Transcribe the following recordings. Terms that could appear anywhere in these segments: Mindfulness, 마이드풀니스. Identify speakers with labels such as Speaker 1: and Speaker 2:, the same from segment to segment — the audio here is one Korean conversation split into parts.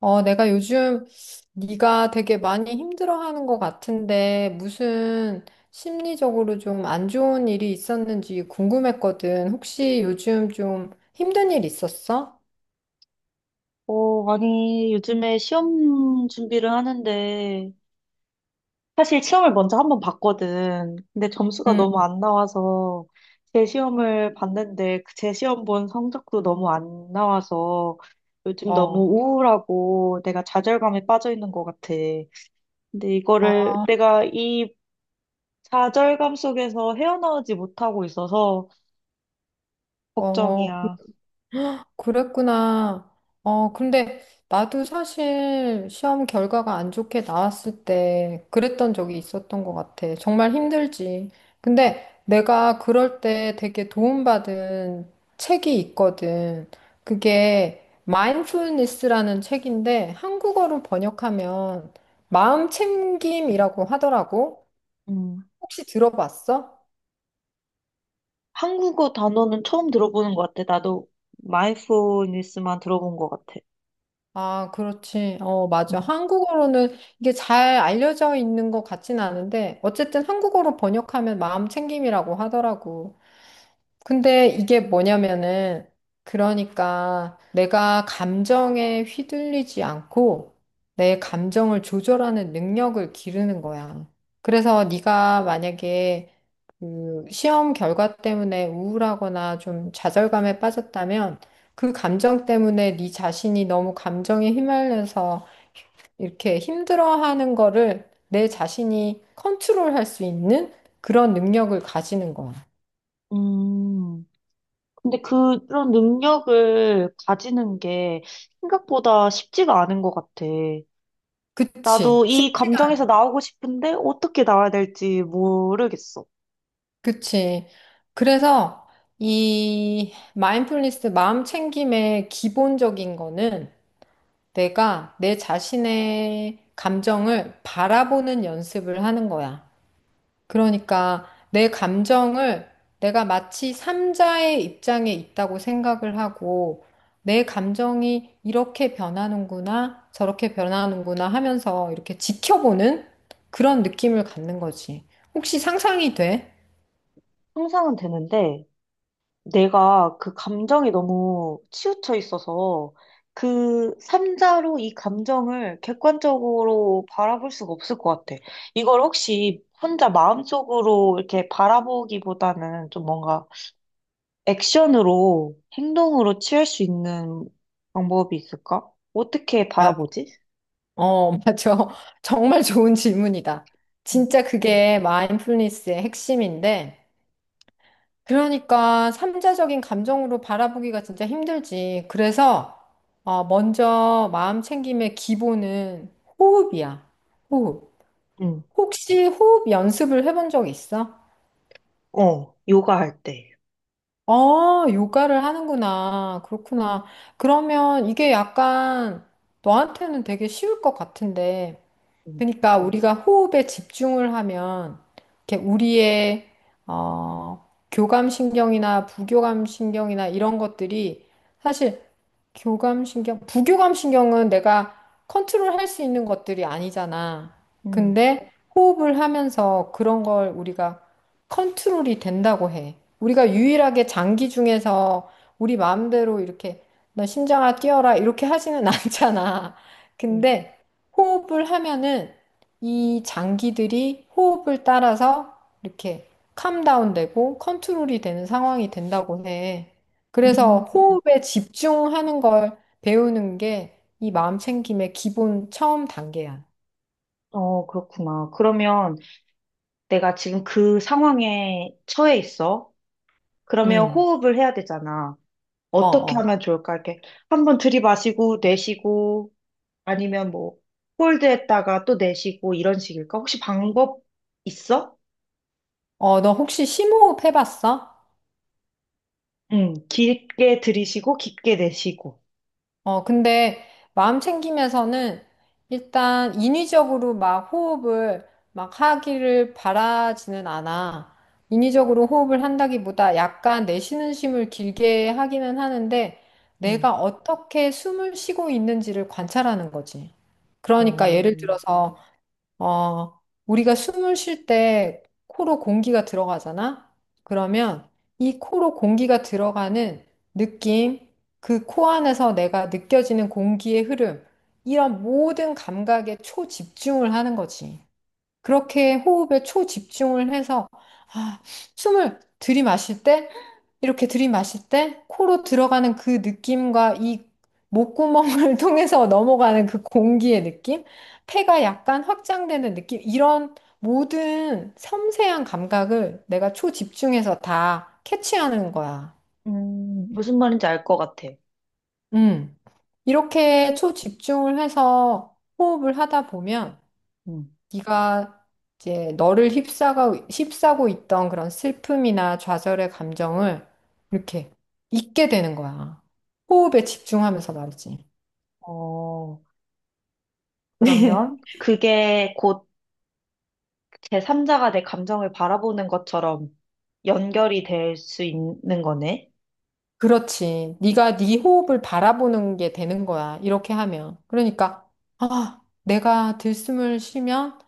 Speaker 1: 내가 요즘 네가 되게 많이 힘들어하는 것 같은데 무슨 심리적으로 좀 안 좋은 일이 있었는지 궁금했거든. 혹시 요즘 좀 힘든 일 있었어?
Speaker 2: 어, 아니, 요즘에 시험 준비를 하는데, 사실 시험을 먼저 한번 봤거든. 근데 점수가
Speaker 1: 응.
Speaker 2: 너무 안 나와서, 제 시험을 봤는데, 그제 시험 본 성적도 너무 안 나와서, 요즘 너무
Speaker 1: 어.
Speaker 2: 우울하고, 내가 좌절감에 빠져 있는 것 같아. 근데
Speaker 1: 아,
Speaker 2: 이거를, 내가 이 좌절감 속에서 헤어나오지 못하고 있어서,
Speaker 1: 어,
Speaker 2: 걱정이야.
Speaker 1: 그랬구나. 근데 나도 사실 시험 결과가 안 좋게 나왔을 때 그랬던 적이 있었던 것 같아. 정말 힘들지. 근데 내가 그럴 때 되게 도움받은 책이 있거든. 그게 Mindfulness라는 책인데 한국어로 번역하면 마음챙김이라고 하더라고.
Speaker 2: 음.
Speaker 1: 혹시 들어봤어?
Speaker 2: 한국어 단어는 처음 들어보는 것 같아. 나도 마이드풀니스만 들어본 것 같아.
Speaker 1: 아, 그렇지. 어, 맞아.
Speaker 2: 음,
Speaker 1: 한국어로는 이게 잘 알려져 있는 것 같진 않은데, 어쨌든 한국어로 번역하면 마음 챙김이라고 하더라고. 근데 이게 뭐냐면은, 그러니까 내가 감정에 휘둘리지 않고 내 감정을 조절하는 능력을 기르는 거야. 그래서 네가 만약에 그 시험 결과 때문에 우울하거나 좀 좌절감에 빠졌다면 그 감정 때문에 네 자신이 너무 감정에 휘말려서 이렇게 힘들어하는 거를 내 자신이 컨트롤할 수 있는 그런 능력을 가지는 거야.
Speaker 2: 음. 근데 그런 능력을 가지는 게 생각보다 쉽지가 않은 것 같아.
Speaker 1: 그치?
Speaker 2: 나도 이
Speaker 1: 쉽지
Speaker 2: 감정에서 나오고 싶은데 어떻게 나와야 될지 모르겠어.
Speaker 1: 그치. 그래서 이 마인드풀니스 마음 챙김의 기본적인 거는 내가 내 자신의 감정을 바라보는 연습을 하는 거야. 그러니까 내 감정을 내가 마치 삼자의 입장에 있다고 생각을 하고 내 감정이 이렇게 변하는구나, 저렇게 변하는구나 하면서 이렇게 지켜보는 그런 느낌을 갖는 거지. 혹시 상상이 돼?
Speaker 2: 상상은 되는데 내가 그 감정이 너무 치우쳐 있어서 그 삼자로 이 감정을 객관적으로 바라볼 수가 없을 것 같아. 이걸 혹시 혼자 마음속으로 이렇게 바라보기보다는 좀 뭔가 액션으로 행동으로 취할 수 있는 방법이 있을까? 어떻게 바라보지?
Speaker 1: 맞아. 정말 좋은 질문이다. 진짜 그게 마인드풀니스의 핵심인데, 그러니까 삼자적인 감정으로 바라보기가 진짜 힘들지. 그래서 먼저 마음 챙김의 기본은 호흡이야. 호흡.
Speaker 2: 응,
Speaker 1: 혹시 호흡 연습을 해본 적 있어?
Speaker 2: 어, 요가 할 때.
Speaker 1: 어, 요가를 하는구나. 그렇구나. 그러면 이게 약간 너한테는 되게 쉬울 것 같은데,
Speaker 2: 응.
Speaker 1: 그러니까 우리가 호흡에 집중을 하면 이렇게 우리의 어, 교감신경이나 부교감신경이나 이런 것들이 사실 교감신경, 부교감신경은 내가 컨트롤할 수 있는 것들이 아니잖아.
Speaker 2: 음,
Speaker 1: 근데 호흡을 하면서 그런 걸 우리가 컨트롤이 된다고 해. 우리가 유일하게 장기 중에서 우리 마음대로 이렇게 너 심장아 뛰어라 이렇게 하지는 않잖아.
Speaker 2: 음,
Speaker 1: 근데 호흡을 하면은 이 장기들이 호흡을 따라서 이렇게 캄다운 되고 컨트롤이 되는 상황이 된다고 해. 그래서
Speaker 2: 음,
Speaker 1: 호흡에 집중하는 걸 배우는 게 이 마음 챙김의 기본 처음 단계야.
Speaker 2: 어, 그렇구나. 그러면 내가 지금 그 상황에 처해 있어. 그러면
Speaker 1: 응.
Speaker 2: 호흡을 해야 되잖아.
Speaker 1: 어,
Speaker 2: 어떻게
Speaker 1: 어.
Speaker 2: 하면 좋을까? 이렇게 한번 들이마시고 내쉬고 아니면 뭐 홀드했다가 또 내쉬고 이런 식일까? 혹시 방법 있어?
Speaker 1: 어, 너 혹시 심호흡 해봤어?
Speaker 2: 응, 길게 들이쉬고 깊게 내쉬고.
Speaker 1: 근데 마음 챙김에서는 일단 인위적으로 막 호흡을 막 하기를 바라지는 않아. 인위적으로 호흡을 한다기보다 약간 내쉬는 심을 길게 하기는 하는데
Speaker 2: 음,
Speaker 1: 내가 어떻게 숨을 쉬고 있는지를 관찰하는 거지. 그러니까
Speaker 2: 어,
Speaker 1: 예를 들어서 어, 우리가 숨을 쉴 때 코로 공기가 들어가잖아? 그러면 이 코로 공기가 들어가는 느낌, 그 코 안에서 내가 느껴지는 공기의 흐름, 이런 모든 감각에 초집중을 하는 거지. 그렇게 호흡에 초집중을 해서 아, 숨을 들이마실 때 이렇게 들이마실 때 코로 들어가는 그 느낌과 이 목구멍을 통해서 넘어가는 그 공기의 느낌, 폐가 약간 확장되는 느낌, 이런 모든 섬세한 감각을 내가 초집중해서 다 캐치하는 거야.
Speaker 2: 무슨 말인지 알 것 같아.
Speaker 1: 음. 이렇게 초집중을 해서 호흡을 하다 보면
Speaker 2: 음.
Speaker 1: 네가 이제 너를 휩싸고 있던 그런 슬픔이나 좌절의 감정을 이렇게 잊게 되는 거야. 호흡에 집중하면서 말이지.
Speaker 2: 어, 그러면 그게 곧 제3자가 내 감정을 바라보는 것처럼 연결이 될 수 있는 거네.
Speaker 1: 그렇지. 네가 네 호흡을 바라보는 게 되는 거야. 이렇게 하면. 그러니까 아, 내가 들숨을 쉬면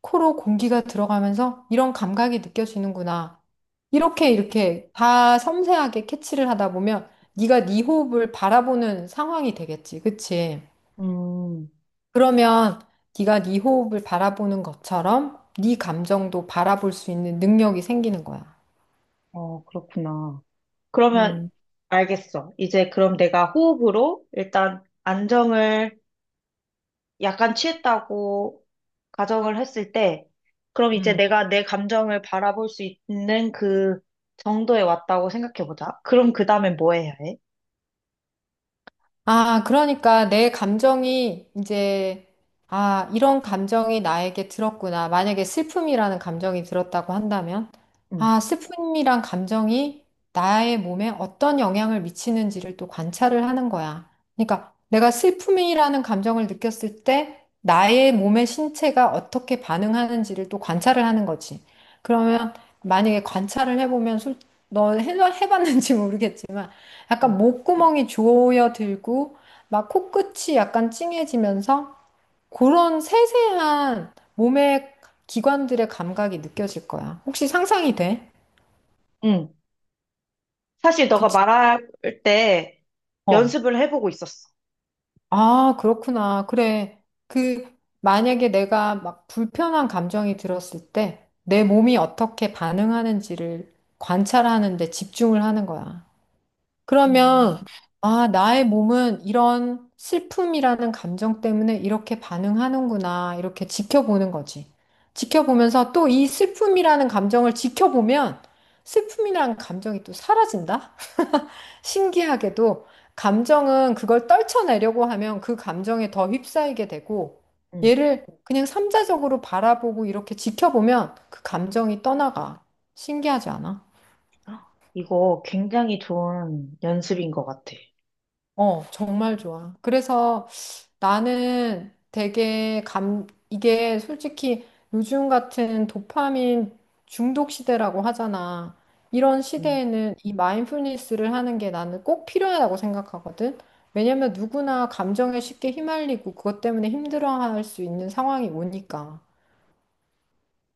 Speaker 1: 코로 공기가 들어가면서 이런 감각이 느껴지는구나. 이렇게 다 섬세하게 캐치를 하다 보면 네가 네 호흡을 바라보는 상황이 되겠지. 그치?
Speaker 2: 음,
Speaker 1: 그러면 네가 네 호흡을 바라보는 것처럼 네 감정도 바라볼 수 있는 능력이 생기는 거야.
Speaker 2: 어, 그렇구나. 그러면
Speaker 1: 음,
Speaker 2: 알겠어. 이제 그럼 내가 호흡으로 일단 안정을 약간 취했다고 가정을 했을 때, 그럼 이제
Speaker 1: 음.
Speaker 2: 내가 내 감정을 바라볼 수 있는 그 정도에 왔다고 생각해보자. 그럼 그 다음엔 뭐 해야 해?
Speaker 1: 아, 그러니까 내 감정이 이제, 아, 이런 감정이 나에게 들었구나. 만약에 슬픔이라는 감정이 들었다고 한다면,
Speaker 2: 응,
Speaker 1: 아, 슬픔이란 감정이 나의 몸에 어떤 영향을 미치는지를 또 관찰을 하는 거야. 그러니까 내가 슬픔이라는 감정을 느꼈을 때 나의 몸의 신체가 어떻게 반응하는지를 또 관찰을 하는 거지. 그러면 만약에 관찰을 해보면 너 해봤는지 모르겠지만,
Speaker 2: 응,
Speaker 1: 약간 목구멍이 조여들고 막 코끝이 약간 찡해지면서 그런 세세한 몸의 기관들의 감각이 느껴질 거야. 혹시 상상이 돼?
Speaker 2: 응. 사실 너가
Speaker 1: 그치?
Speaker 2: 말할 때
Speaker 1: 어.
Speaker 2: 연습을 해보고 있었어.
Speaker 1: 아, 그렇구나. 그래. 그 만약에 내가 막 불편한 감정이 들었을 때 내 몸이 어떻게 반응하는지를 관찰하는데 집중을 하는 거야. 그러면,
Speaker 2: 음,
Speaker 1: 아, 나의 몸은 이런 슬픔이라는 감정 때문에 이렇게 반응하는구나, 이렇게 지켜보는 거지. 지켜보면서 또 이 슬픔이라는 감정을 지켜보면 슬픔이라는 감정이 또 사라진다? 신기하게도 감정은 그걸 떨쳐내려고 하면 그 감정에 더 휩싸이게 되고
Speaker 2: 응.
Speaker 1: 얘를 그냥 삼자적으로 바라보고 이렇게 지켜보면 그 감정이 떠나가. 신기하지 않아?
Speaker 2: 헉, 이거 굉장히 좋은 연습인 것 같아.
Speaker 1: 어, 정말 좋아. 그래서 나는 이게 솔직히 요즘 같은 도파민 중독 시대라고 하잖아. 이런
Speaker 2: 음.
Speaker 1: 시대에는 이 마인드풀니스를 하는 게 나는 꼭 필요하다고 생각하거든. 왜냐면 누구나 감정에 쉽게 휘말리고 그것 때문에 힘들어할 수 있는 상황이 오니까.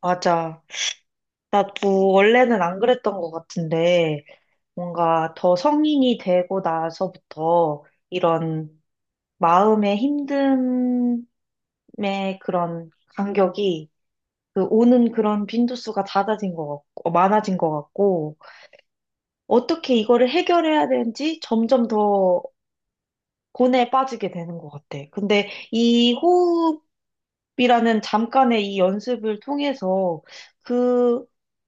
Speaker 2: 맞아. 나도 원래는 안 그랬던 것 같은데, 뭔가 더 성인이 되고 나서부터 이런 마음의 힘듦의 그런 간격이 그 오는 그런 빈도수가 잦아진 것 같고, 많아진 것 같고, 어떻게 이거를 해결해야 되는지 점점 더 고뇌에 빠지게 되는 것 같아. 근데 이 호흡이라는 잠깐의 이 연습을 통해서 그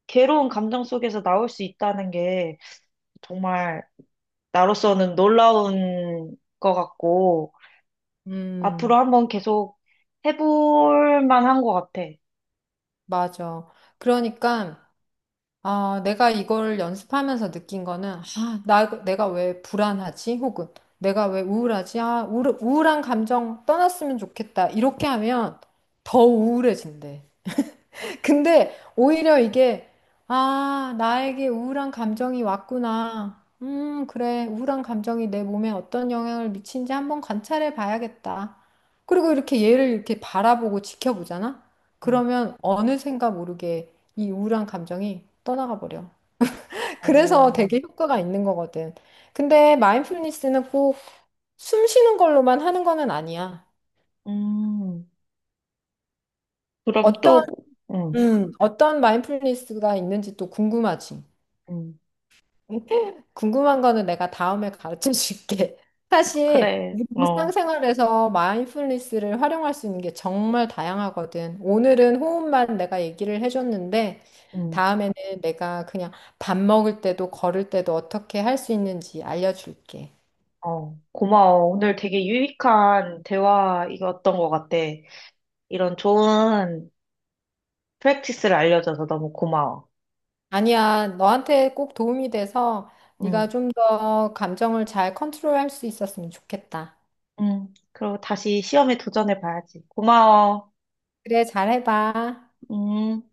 Speaker 2: 괴로운 감정 속에서 나올 수 있다는 게 정말 나로서는 놀라운 것 같고, 앞으로
Speaker 1: 음,
Speaker 2: 한번 계속 해볼 만한 것 같아.
Speaker 1: 맞아. 그러니까 아, 내가 이걸 연습하면서 느낀 거는, 내가 왜 불안하지? 혹은 내가 왜 우울하지? 우울한 감정 떠났으면 좋겠다. 이렇게 하면 더 우울해진대. 근데 오히려 이게, 아, 나에게 우울한 감정이 왔구나. 그래. 우울한 감정이 내 몸에 어떤 영향을 미친지 한번 관찰해 봐야겠다. 그리고 이렇게 얘를 이렇게 바라보고 지켜보잖아?
Speaker 2: 음.
Speaker 1: 그러면 어느샌가 모르게 이 우울한 감정이 떠나가 버려. 그래서
Speaker 2: 어,
Speaker 1: 되게 효과가 있는 거거든. 근데 마인드풀니스는 꼭 숨 쉬는 걸로만 하는 거는 아니야.
Speaker 2: 음, 그럼
Speaker 1: 어떤,
Speaker 2: 또, 음,
Speaker 1: 어떤 마인드풀니스가 있는지 또 궁금하지.
Speaker 2: 음,
Speaker 1: 궁금한 거는 내가 다음에 가르쳐 줄게. 사실
Speaker 2: 그래,
Speaker 1: 우리
Speaker 2: 어,
Speaker 1: 일상생활에서 마인드풀니스를 활용할 수 있는 게 정말 다양하거든. 오늘은 호흡만 내가 얘기를 해줬는데
Speaker 2: 음,
Speaker 1: 다음에는 내가 그냥 밥 먹을 때도 걸을 때도 어떻게 할 수 있는지 알려줄게.
Speaker 2: 어, 고마워. 오늘 되게 유익한 대화이었던 것 같아. 이런 좋은 프랙티스를 알려줘서 너무 고마워.
Speaker 1: 아니야, 너한테 꼭 도움이 돼서 네가
Speaker 2: 음,
Speaker 1: 좀 더 감정을 잘 컨트롤할 수 있었으면 좋겠다.
Speaker 2: 그리고 다시 시험에 도전해 봐야지. 고마워.
Speaker 1: 그래, 잘해봐.
Speaker 2: 음.